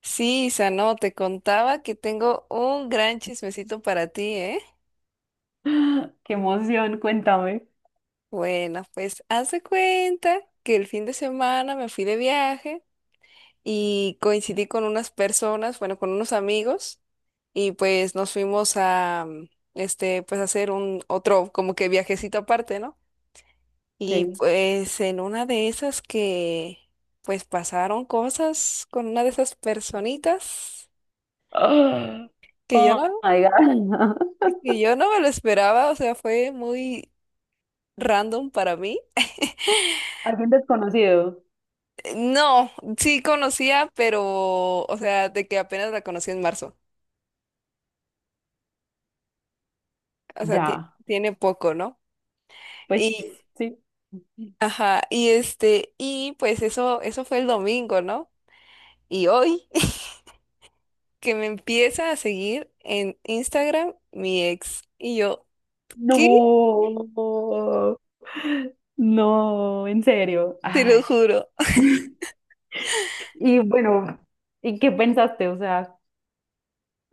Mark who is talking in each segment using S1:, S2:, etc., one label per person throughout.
S1: Sí, Isa, no, te contaba que tengo un gran chismecito para ti, ¿eh?
S2: Qué emoción, cuéntame.
S1: Bueno, pues haz de cuenta que el fin de semana me fui de viaje y coincidí con unas personas, bueno, con unos amigos y pues nos fuimos a, este, pues a hacer un otro como que viajecito aparte, ¿no? Y
S2: Sí.
S1: pues en una de esas que, pues pasaron cosas con una de esas personitas
S2: Ah,
S1: que yo
S2: oh,
S1: no,
S2: my God.
S1: que yo no me lo esperaba, o sea, fue muy random para mí.
S2: Alguien desconocido.
S1: No, sí conocía, pero, o sea, de que apenas la conocí en marzo. O sea,
S2: Ya,
S1: tiene poco, ¿no?
S2: pues
S1: Y,
S2: sí.
S1: ajá, y este, y pues eso fue el domingo, ¿no? Y hoy que me empieza a seguir en Instagram mi ex. Y yo,
S2: No,
S1: ¿qué?
S2: no, en serio.
S1: Te
S2: Ay.
S1: lo juro.
S2: Y bueno, ¿y qué pensaste? O sea.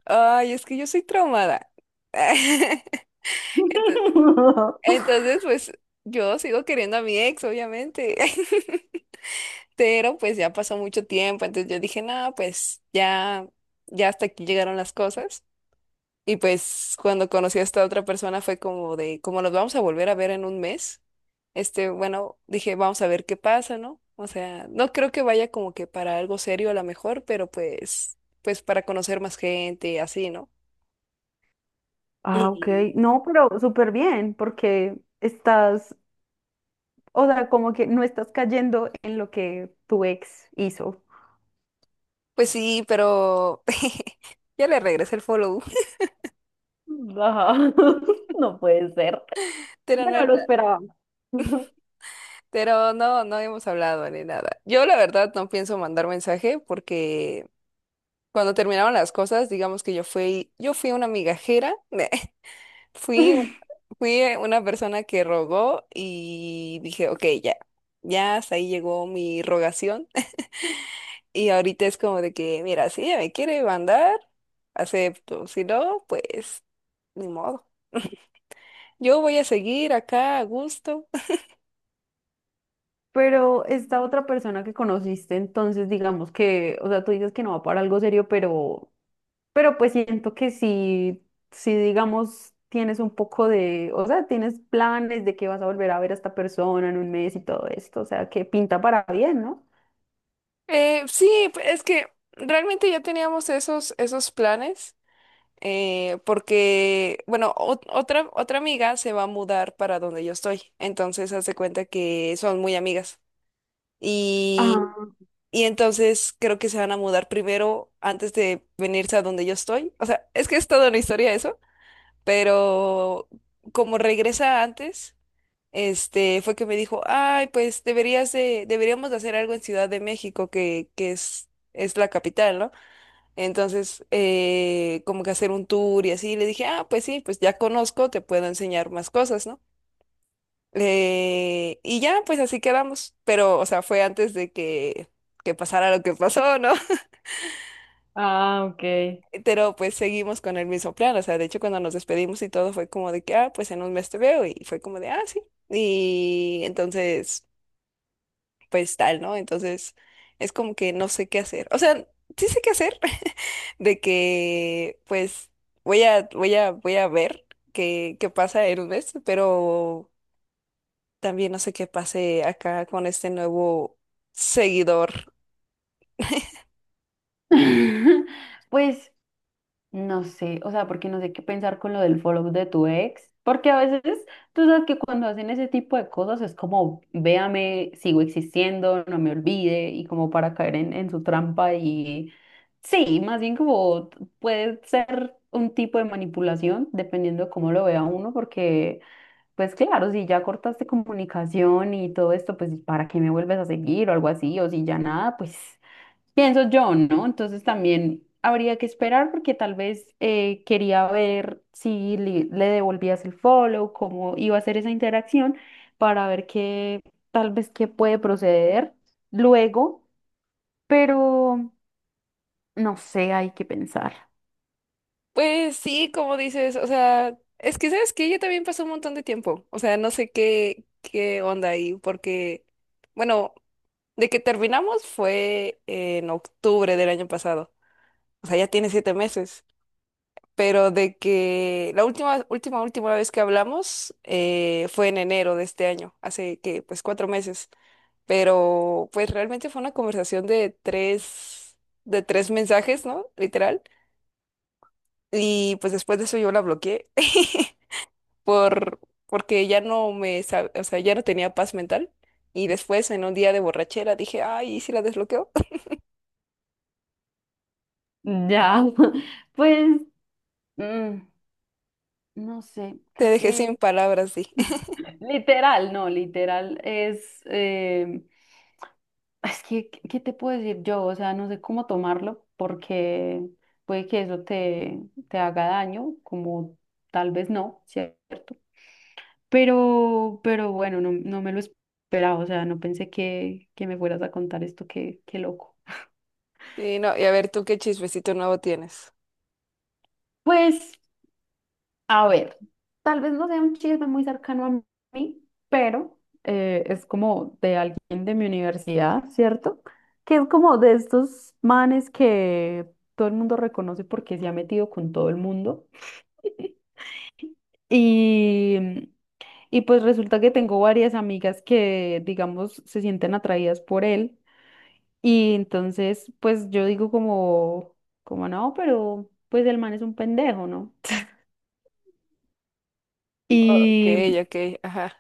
S1: Ay, es que yo soy traumada. Ento- Entonces, pues yo sigo queriendo a mi ex, obviamente. Pero pues ya pasó mucho tiempo, entonces yo dije, no, pues ya, ya hasta aquí llegaron las cosas. Y pues cuando conocí a esta otra persona fue como de, como nos vamos a volver a ver en un mes, este, bueno, dije, vamos a ver qué pasa, ¿no? O sea, no creo que vaya como que para algo serio a lo mejor, pero pues para conocer más gente y así, ¿no?
S2: Ah, ok.
S1: Y
S2: No, pero súper bien, porque estás, o sea, como que no estás cayendo en lo que tu ex hizo.
S1: pues sí, pero ya le regresé el follow,
S2: Ajá. No puede ser.
S1: pero no
S2: Bueno,
S1: he
S2: lo
S1: hablado.
S2: esperaba.
S1: Pero no, no hemos hablado ni nada. Yo la verdad no pienso mandar mensaje porque cuando terminaron las cosas, digamos que yo fui una migajera, fui, un- fui una persona que rogó y dije, ok, ya, ya hasta ahí llegó mi rogación. Y ahorita es como de que, mira, si ella me quiere mandar, acepto, si no, pues ni modo. Yo voy a seguir acá a gusto.
S2: Pero esta otra persona que conociste, entonces digamos que, o sea, tú dices que no va para algo serio, pero pues siento que sí, sí, digamos, tienes un poco de, o sea, tienes planes de que vas a volver a ver a esta persona en un mes y todo esto, o sea, que pinta para bien, ¿no?
S1: Sí, es que realmente ya teníamos esos planes. Porque, bueno, otra amiga se va a mudar para donde yo estoy, entonces hace cuenta que son muy amigas y,
S2: Ah,
S1: y entonces creo que se van a mudar primero antes de venirse a donde yo estoy, o sea, es que es toda una historia eso, pero como regresa antes, este, fue que me dijo, ay, pues deberíamos de hacer algo en Ciudad de México, que es la capital, ¿no? Entonces, como que hacer un tour y así, le dije, ah, pues sí, pues ya conozco, te puedo enseñar más cosas, ¿no? Y ya, pues así quedamos, pero, o sea, fue antes de que, pasara lo que pasó, ¿no?
S2: Ah, ok.
S1: Pero pues seguimos con el mismo plan, o sea, de hecho cuando nos despedimos y todo fue como de que, ah, pues en un mes te veo y fue como de, ah, sí. Y entonces... pues tal, ¿no? Entonces es como que no sé qué hacer. O sea, sí sé qué hacer, de que pues voy a ver qué pasa en un mes, pero también no sé qué pase acá con este nuevo seguidor.
S2: Pues, no sé, o sea, porque no sé qué pensar con lo del follow de tu ex, porque a veces tú sabes que cuando hacen ese tipo de cosas es como, véame, sigo existiendo, no me olvide, y como para caer en su trampa y sí, más bien como puede ser un tipo de manipulación dependiendo de cómo lo vea uno, porque pues claro, si ya cortaste comunicación y todo esto, pues ¿para qué me vuelves a seguir o algo así? O si ya nada, pues pienso yo, ¿no? Entonces también habría que esperar porque tal vez quería ver si le, devolvías el follow, cómo iba a ser esa interacción para ver qué tal vez qué puede proceder luego, pero no sé, hay que pensar.
S1: Pues sí, como dices, o sea, es que sabes que ella también pasó un montón de tiempo. O sea, no sé qué, qué onda ahí, porque, bueno, de que terminamos fue en octubre del año pasado. O sea, ya tiene 7 meses. Pero de que la última, última, última vez que hablamos fue en enero de este año, hace que, pues 4 meses, pero pues realmente fue una conversación de tres mensajes, ¿no? Literal. Y pues después de eso yo la bloqueé por, porque ya no me, sab- o sea, ya no tenía paz mental. Y después en un día de borrachera dije, ay, ¿y si la desbloqueo?
S2: Ya, pues mm, no sé,
S1: Te
S2: creo
S1: dejé
S2: que
S1: sin palabras, sí.
S2: literal, no, literal es que, ¿qué te puedo decir yo? O sea, no sé cómo tomarlo porque puede que eso te haga daño, como tal vez no, ¿cierto? Pero, bueno, no, no me lo esperaba, o sea, no pensé que me fueras a contar esto, qué loco.
S1: Sí, no, y a ver, ¿tú qué chismecito nuevo tienes?
S2: Pues, a ver, tal vez no sea un chisme muy cercano a mí, pero es como de alguien de mi universidad, ¿cierto? Que es como de estos manes que todo el mundo reconoce porque se ha metido con todo el mundo. Y, y pues resulta que tengo varias amigas que, digamos, se sienten atraídas por él. Y entonces, pues yo digo como, como no, pero pues el man es un pendejo, ¿no?
S1: Ok,
S2: Y
S1: ok, ajá.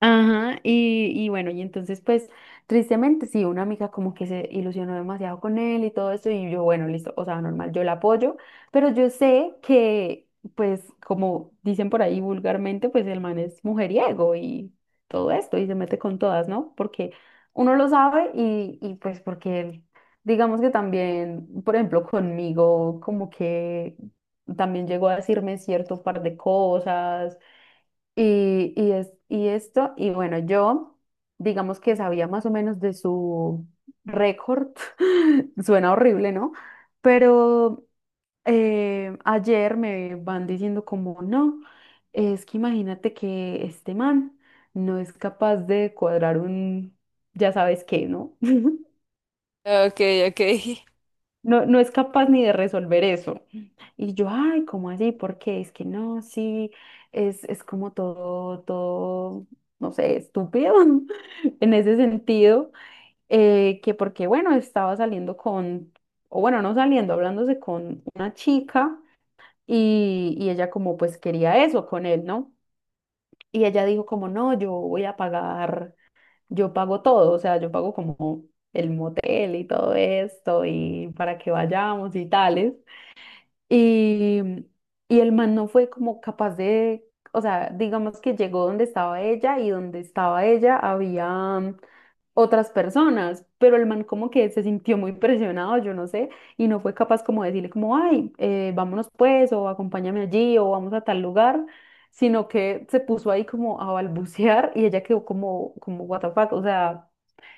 S2: ajá, y bueno, y entonces pues tristemente sí, una amiga como que se ilusionó demasiado con él y todo eso, y yo, bueno, listo, o sea, normal, yo la apoyo, pero yo sé que pues como dicen por ahí vulgarmente, pues el man es mujeriego y todo esto, y se mete con todas, ¿no? Porque uno lo sabe y pues porque él, digamos que también, por ejemplo, conmigo como que también llegó a decirme cierto par de cosas y y esto, y bueno, yo digamos que sabía más o menos de su récord, suena horrible, ¿no? Pero ayer me van diciendo como, no, es que imagínate que este man no es capaz de cuadrar un, ya sabes qué, ¿no?
S1: Ok, ok.
S2: No, no es capaz ni de resolver eso. Y yo, ay, ¿cómo así? ¿Por qué? Es que no, sí, es como todo, todo, no sé, estúpido en ese sentido, que porque, bueno, estaba saliendo con, o bueno, no saliendo, hablándose con una chica y ella como pues quería eso con él, ¿no? Y ella dijo como, no, yo voy a pagar, yo pago todo, o sea, yo pago como el motel y todo esto y para que vayamos y tales. Y, y el man no fue como capaz de, o sea, digamos que llegó donde estaba ella y donde estaba ella había otras personas, pero el man como que se sintió muy presionado, yo no sé, y no fue capaz como de decirle como, ay, vámonos pues, o acompáñame allí, o vamos a tal lugar, sino que se puso ahí como a balbucear y ella quedó como, what the fuck, o sea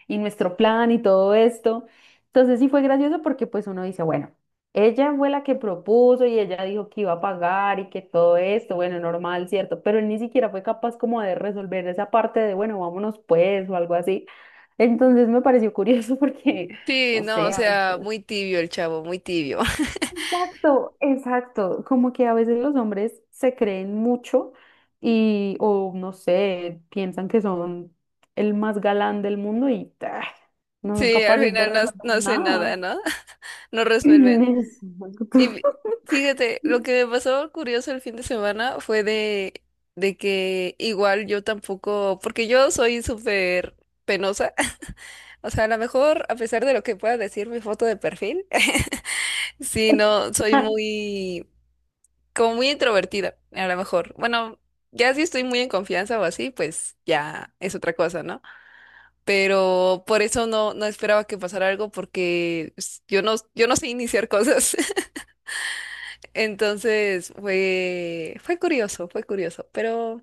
S2: y nuestro plan y todo esto. Entonces sí fue gracioso porque pues uno dice, bueno, ella fue la que propuso y ella dijo que iba a pagar y que todo esto, bueno, normal, ¿cierto? Pero él ni siquiera fue capaz como de resolver esa parte de, bueno, vámonos pues o algo así. Entonces me pareció curioso porque,
S1: Sí,
S2: no
S1: no, o
S2: sé.
S1: sea, muy tibio el chavo, muy tibio.
S2: Exacto, exacto. Como que a veces los hombres se creen mucho y, o no sé, piensan que son el más galán del mundo y ah, no son
S1: Sí, al
S2: capaces de
S1: final no, no
S2: resolver
S1: hace nada,
S2: nada.
S1: ¿no? No resuelven.
S2: Exacto.
S1: Y fíjate, lo que me pasó curioso el fin de semana fue de que igual yo tampoco, porque yo soy súper penosa. O sea, a lo mejor, a pesar de lo que pueda decir mi foto de perfil, sí, no, soy muy, como muy introvertida, a lo mejor. Bueno, ya si estoy muy en confianza o así, pues ya es otra cosa, ¿no? Pero por eso no, no esperaba que pasara algo porque pues, yo no sé iniciar cosas. Entonces fue curioso, fue curioso, pero,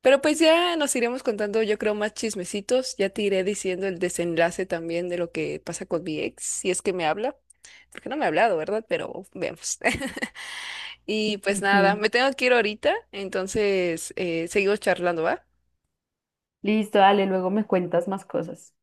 S1: pero pues ya nos iremos contando, yo creo, más chismecitos. Ya te iré diciendo el desenlace también de lo que pasa con mi ex, si es que me habla, porque no me ha hablado, ¿verdad? Pero vemos. Y pues nada,
S2: Ujú.
S1: me tengo que ir ahorita, entonces seguimos charlando, ¿va?
S2: Listo, dale, luego me cuentas más cosas.